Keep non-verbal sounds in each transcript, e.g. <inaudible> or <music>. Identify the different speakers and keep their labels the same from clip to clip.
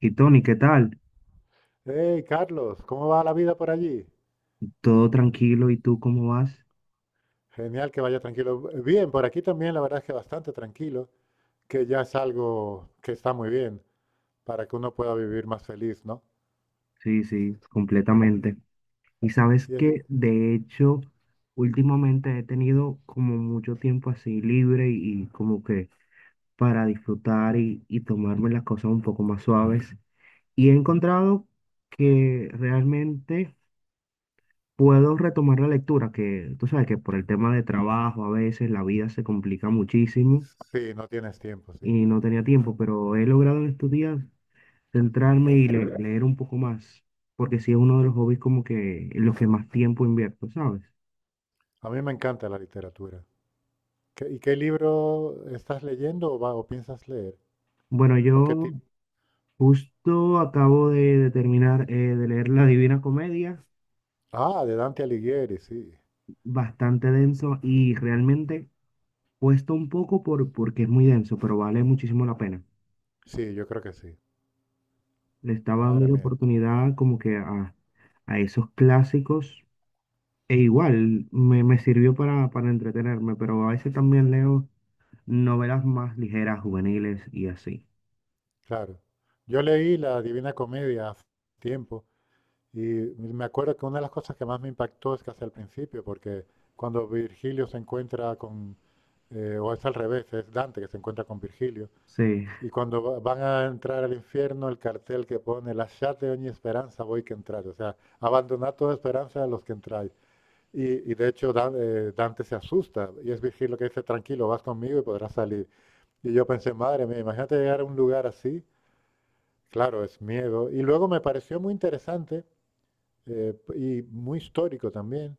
Speaker 1: Y Tony, ¿qué tal?
Speaker 2: Hey, Carlos, ¿cómo va la vida por allí?
Speaker 1: ¿Todo tranquilo? ¿Y tú cómo vas?
Speaker 2: Genial que vaya tranquilo. Bien, por aquí también la verdad es que bastante tranquilo, que ya es algo que está muy bien para que uno pueda vivir más feliz, ¿no?
Speaker 1: Sí, sí, completamente. Y sabes
Speaker 2: Y es-
Speaker 1: que, de hecho, últimamente he tenido como mucho tiempo así libre y como que para disfrutar y tomarme las cosas un poco más suaves. Y he encontrado que realmente puedo retomar la lectura, que tú sabes que por el tema de trabajo a veces la vida se complica muchísimo
Speaker 2: sí, no tienes tiempo, sí.
Speaker 1: y no tenía tiempo, pero he logrado en estos días centrarme y leer un poco más, porque sí es uno de los hobbies como que en los que más tiempo invierto, ¿sabes?
Speaker 2: A mí me encanta la literatura. ¿Y qué libro estás leyendo o o piensas leer?
Speaker 1: Bueno,
Speaker 2: ¿O qué
Speaker 1: yo
Speaker 2: tipo?
Speaker 1: justo acabo de terminar de leer La Divina Comedia,
Speaker 2: Ah, de Dante Alighieri, sí.
Speaker 1: bastante denso y realmente cuesta un poco porque es muy denso, pero vale muchísimo la pena.
Speaker 2: Sí, yo creo que sí.
Speaker 1: Le estaba dando
Speaker 2: Madre
Speaker 1: la
Speaker 2: mía,
Speaker 1: oportunidad como que a esos clásicos e igual me sirvió para entretenerme, pero a veces también leo novelas más ligeras, juveniles y así.
Speaker 2: claro. Yo leí la Divina Comedia hace tiempo. Y me acuerdo que una de las cosas que más me impactó es casi al principio, porque cuando Virgilio se encuentra con, o es al revés, es Dante que se encuentra con Virgilio,
Speaker 1: Sí,
Speaker 2: y cuando van a entrar al infierno, el cartel que pone, lasciate ogni esperanza voi que entráis, o sea, abandonad toda esperanza a los que entráis. Y de hecho Dante se asusta, y es Virgilio que dice, tranquilo, vas conmigo y podrás salir. Y yo pensé, madre mía, imagínate llegar a un lugar así, claro, es miedo. Y luego me pareció muy interesante y muy histórico también,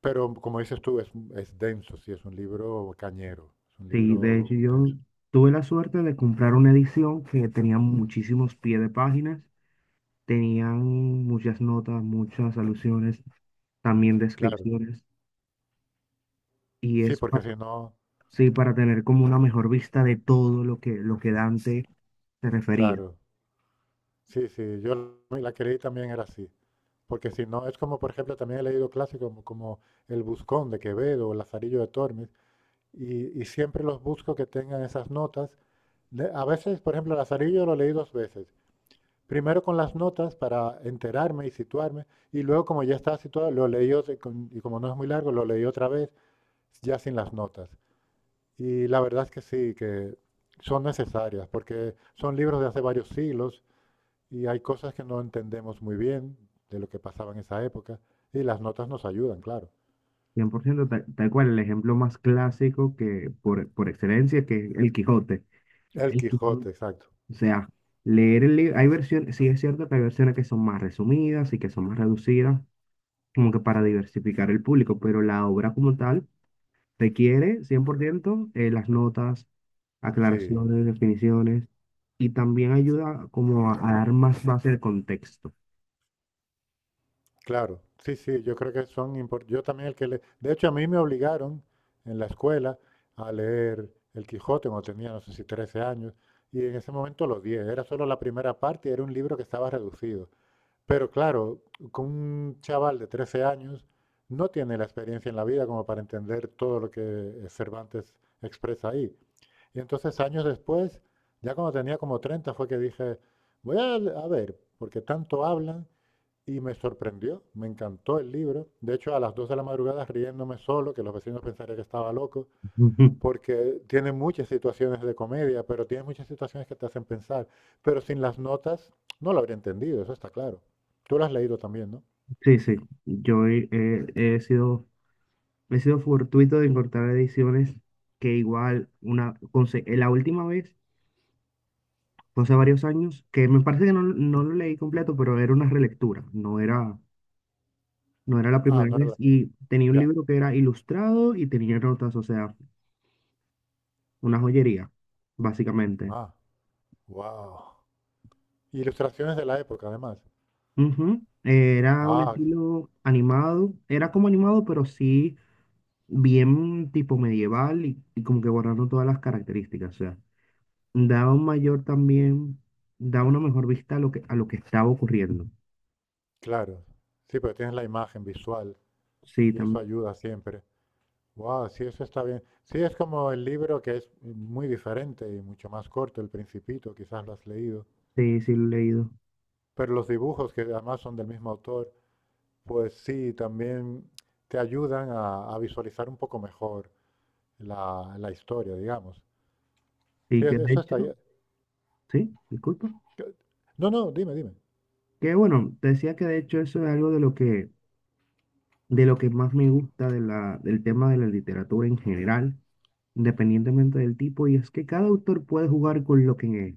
Speaker 2: pero como dices tú, es denso, sí, es un libro cañero, es un
Speaker 1: sí, de
Speaker 2: libro
Speaker 1: hecho yo
Speaker 2: denso.
Speaker 1: tuve la suerte de comprar una edición que tenía muchísimos pies de páginas, tenían muchas notas, muchas alusiones, también
Speaker 2: Claro,
Speaker 1: descripciones, y
Speaker 2: sí,
Speaker 1: es
Speaker 2: porque si no,
Speaker 1: sí, para tener como una mejor vista de todo lo lo que Dante se refería.
Speaker 2: claro, sí, sí, yo la que leí también era así, porque si no, es como, por ejemplo, también he leído clásicos como, como El Buscón de Quevedo o Lazarillo de Tormes, y siempre los busco que tengan esas notas. A veces, por ejemplo, Lazarillo lo leí dos veces. Primero con las notas para enterarme y situarme, y luego como ya estaba situado, lo leí y como no es muy largo, lo leí otra vez ya sin las notas. Y la verdad es que sí, que son necesarias, porque son libros de hace varios siglos y hay cosas que no entendemos muy bien de lo que pasaba en esa época, y las notas nos ayudan, claro.
Speaker 1: Cien por ciento, tal, tal cual, el ejemplo más clásico que por excelencia que es el Quijote.
Speaker 2: El
Speaker 1: El
Speaker 2: Quijote,
Speaker 1: Quijote,
Speaker 2: exacto.
Speaker 1: o sea, leer el libro, hay versiones, sí es cierto que hay versiones que son más resumidas y que son más reducidas, como que para diversificar el público, pero la obra como tal requiere 100% las notas,
Speaker 2: Sí,
Speaker 1: aclaraciones, definiciones, y también ayuda como a dar más base de contexto.
Speaker 2: claro, sí, sí, yo creo que son importantes. Yo también el que le... De hecho, a mí me obligaron en la escuela a leer El Quijote cuando tenía, no sé si 13 años, y en ese momento lo odié. Era solo la primera parte y era un libro que estaba reducido. Pero claro, con un chaval de 13 años no tiene la experiencia en la vida como para entender todo lo que Cervantes expresa ahí. Y entonces años después, ya cuando tenía como 30 fue que dije, voy a, a ver, porque tanto hablan. Y me sorprendió, me encantó el libro. De hecho, a las 2 de la madrugada riéndome solo, que los vecinos pensarían que estaba loco,
Speaker 1: <laughs> Ujú.
Speaker 2: porque tiene muchas situaciones de comedia, pero tiene muchas situaciones que te hacen pensar. Pero sin las notas no lo habría entendido, eso está claro. Tú lo has leído también, ¿no?
Speaker 1: Sí, sí, yo he sido, he sido fortuito de encontrar ediciones que igual, una, la última vez, fue hace varios años, que me parece que no, no lo leí completo, pero era una relectura, no era la
Speaker 2: Ah,
Speaker 1: primera
Speaker 2: no era
Speaker 1: vez
Speaker 2: la-
Speaker 1: y tenía un
Speaker 2: Ya.
Speaker 1: libro que era ilustrado y tenía notas, o sea, una joyería, básicamente.
Speaker 2: Ah, wow. Ilustraciones de la época, además.
Speaker 1: Ujú. Era un
Speaker 2: Ah,
Speaker 1: estilo animado, era como animado, pero sí bien tipo medieval y como que borrando todas las características, o sea, daba un mayor también, daba una mejor vista a lo a lo que estaba ocurriendo.
Speaker 2: claro. Sí, pero tienes la imagen visual
Speaker 1: Sí,
Speaker 2: y eso
Speaker 1: también,
Speaker 2: ayuda siempre. Wow, sí, eso está bien. Sí, es como el libro que es muy diferente y mucho más corto, El Principito, quizás lo has leído.
Speaker 1: sí, sí, lo he leído.
Speaker 2: Pero los dibujos, que además son del mismo autor, pues sí, también te ayudan a visualizar un poco mejor la, la historia, digamos.
Speaker 1: Y
Speaker 2: Sí,
Speaker 1: que de
Speaker 2: eso está
Speaker 1: hecho,
Speaker 2: bien.
Speaker 1: sí, disculpa.
Speaker 2: No, no, dime, dime.
Speaker 1: Que bueno, te decía que de hecho eso es algo de lo que más me gusta de del tema de la literatura en general, independientemente del tipo, y es que cada autor puede jugar con lo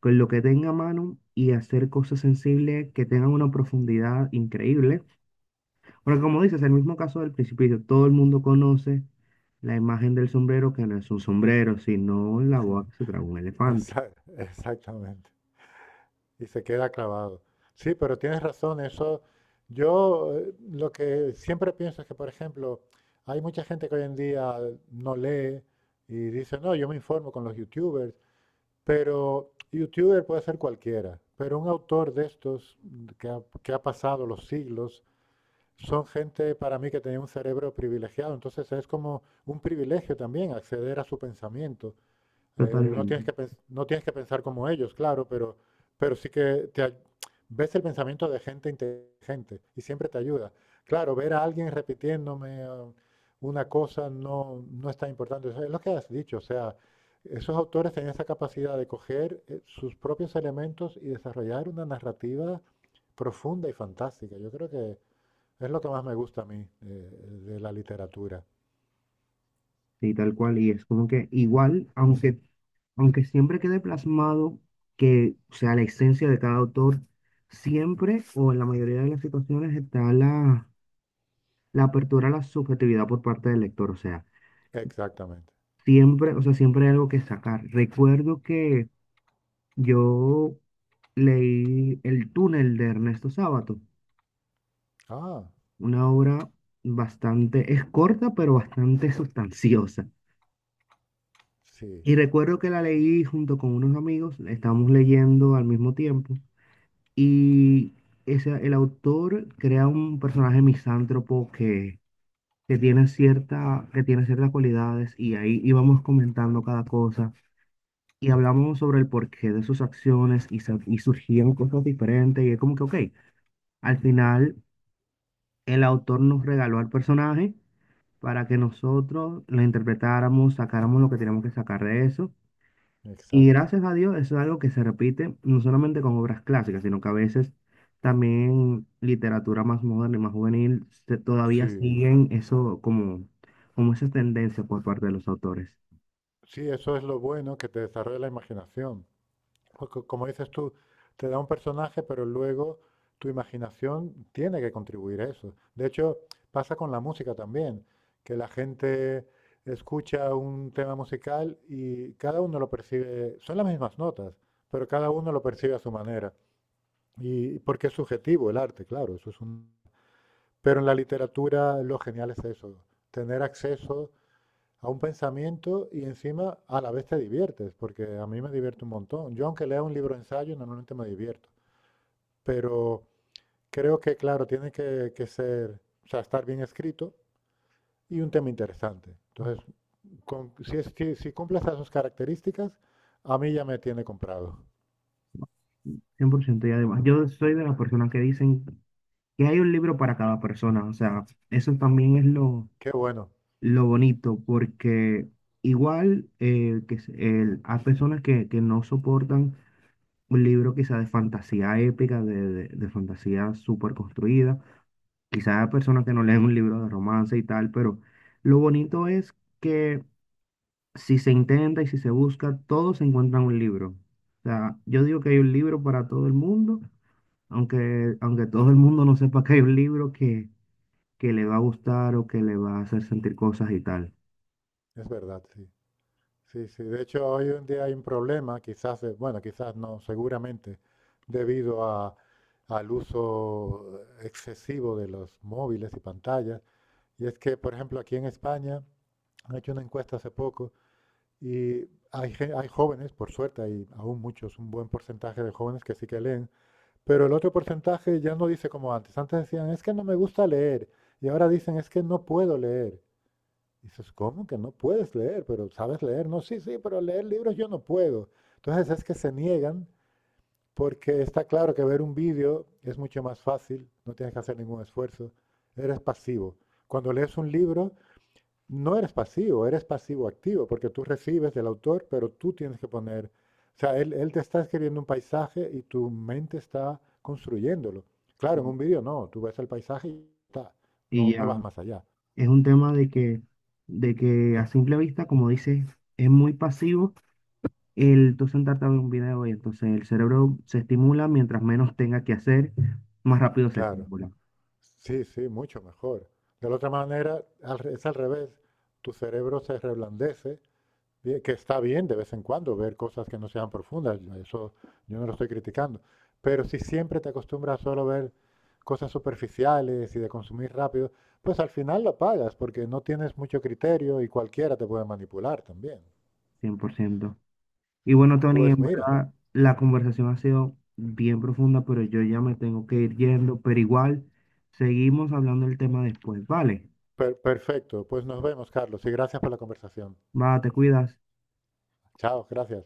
Speaker 1: con lo que tenga a mano y hacer cosas sensibles que tengan una profundidad increíble. Porque como dices, el mismo caso del Principito, todo el mundo conoce la imagen del sombrero, que no es un sombrero, sino la boca que se traga un elefante.
Speaker 2: Exa- <laughs> Exactamente. Y se queda clavado. Sí, pero tienes razón, eso. Yo lo que siempre pienso es que, por ejemplo, hay mucha gente que hoy en día no lee y dice, no, yo me informo con los youtubers, pero youtuber puede ser cualquiera, pero un autor de estos que ha pasado los siglos son gente para mí que tenía un cerebro privilegiado, entonces es como un privilegio también acceder a su pensamiento. Eh, no
Speaker 1: Totalmente.
Speaker 2: tienes que no tienes que pensar como ellos, claro, pero sí que te, ves el pensamiento de gente inteligente y siempre te ayuda. Claro, ver a alguien repitiéndome una cosa no, no es tan importante. Eso es lo que has dicho, o sea, esos autores tenían esa capacidad de coger sus propios elementos y desarrollar una narrativa profunda y fantástica. Yo creo que es lo que más me gusta a mí de la literatura.
Speaker 1: Sí, tal cual, y es como que igual, aunque siempre quede plasmado que, o sea, la esencia de cada autor, siempre o en la mayoría de las situaciones está la apertura a la subjetividad por parte del lector,
Speaker 2: Exactamente.
Speaker 1: o sea, siempre hay algo que sacar. Recuerdo que yo leí El túnel de Ernesto Sábato,
Speaker 2: Ah,
Speaker 1: una obra bastante, es corta, pero bastante <laughs> sustanciosa.
Speaker 2: sí,
Speaker 1: Y recuerdo que la leí junto con unos amigos, la estábamos leyendo al mismo tiempo, y ese, el autor crea un personaje misántropo que tiene que tiene ciertas cualidades, y ahí íbamos comentando cada cosa, y hablamos sobre el porqué de sus acciones, y, y surgían cosas diferentes, y es como que, ok, al final el autor nos regaló al personaje para que nosotros lo interpretáramos, sacáramos lo que teníamos que sacar de eso. Y
Speaker 2: exacto.
Speaker 1: gracias a Dios, eso es algo que se repite no solamente con obras clásicas, sino que a veces también literatura más moderna y más juvenil todavía
Speaker 2: Sí,
Speaker 1: siguen eso como, como esa tendencia por parte de los autores.
Speaker 2: sí, eso es lo bueno, que te desarrolla la imaginación. Porque, como dices tú, te da un personaje, pero luego tu imaginación tiene que contribuir a eso. De hecho, pasa con la música también, que la gente escucha un tema musical y cada uno lo percibe, son las mismas notas, pero cada uno lo percibe a su manera. Y porque es subjetivo el arte, claro, eso es un... Pero en la literatura lo genial es eso, tener acceso a un pensamiento y encima a la vez te diviertes, porque a mí me divierte un montón. Yo aunque lea un libro de ensayo, normalmente me divierto, pero creo que, claro, tiene que ser, o sea, estar bien escrito y un tema interesante. Entonces, si, si cumple esas dos características, a mí ya me tiene comprado.
Speaker 1: Cien por ciento, y además, yo soy de las personas que dicen que hay un libro para cada persona, o sea, eso también es
Speaker 2: Qué bueno,
Speaker 1: lo bonito, porque igual hay personas que no soportan un libro quizá de fantasía épica, de fantasía súper construida, quizás a personas que no leen un libro de romance y tal, pero lo bonito es que si se intenta y si se busca, todos se encuentran un libro. O sea, yo digo que hay un libro para todo el mundo, aunque todo el mundo no sepa que hay un libro que le va a gustar o que le va a hacer sentir cosas y tal.
Speaker 2: es verdad, sí. Sí, sí. De hecho, hoy en día hay un problema, quizás, bueno, quizás no, seguramente, debido a- al uso excesivo de los móviles y pantallas. Y es que, por ejemplo, aquí en España han hecho una encuesta hace poco y hay, hay jóvenes, por suerte, hay aún muchos, un buen porcentaje de jóvenes que sí que leen, pero el otro porcentaje ya no dice como antes. Antes decían, es que no me gusta leer, y ahora dicen, es que no puedo leer. Dices, ¿cómo que no puedes leer? Pero sabes leer. No, sí, sí, pero leer libros yo no puedo. Entonces es que se niegan porque está claro que ver un vídeo es mucho más fácil, no tienes que hacer ningún esfuerzo, eres pasivo. Cuando lees un libro, no eres pasivo, eres pasivo-activo, porque tú recibes del autor, pero tú tienes que poner, o sea, él te está escribiendo un paisaje y tu mente está construyéndolo. Claro, en un vídeo no, tú ves el paisaje y está, no,
Speaker 1: Y
Speaker 2: no vas
Speaker 1: ya
Speaker 2: más allá.
Speaker 1: es un tema de de que a simple vista, como dices, es muy pasivo el tú sentarte a ver un video y entonces el cerebro se estimula mientras menos tenga que hacer, más rápido se
Speaker 2: Claro.
Speaker 1: estimula,
Speaker 2: Sí, sí, mucho mejor. De la otra manera, es al revés. Tu cerebro se reblandece, bien, que está bien de vez en cuando ver cosas que no sean profundas. Yo Eso yo no lo estoy criticando. Pero si siempre te acostumbras solo a ver cosas superficiales y de consumir rápido, pues al final lo pagas porque no tienes mucho criterio y cualquiera te puede manipular también.
Speaker 1: cien por ciento. Y bueno, Tony,
Speaker 2: Pues
Speaker 1: en
Speaker 2: mira,
Speaker 1: verdad la conversación ha sido bien profunda, pero yo ya me tengo que ir yendo, pero igual seguimos hablando del tema después, ¿vale?
Speaker 2: perfecto. Pues nos vemos, Carlos, y gracias por la conversación.
Speaker 1: Va, te cuidas.
Speaker 2: Chao, gracias.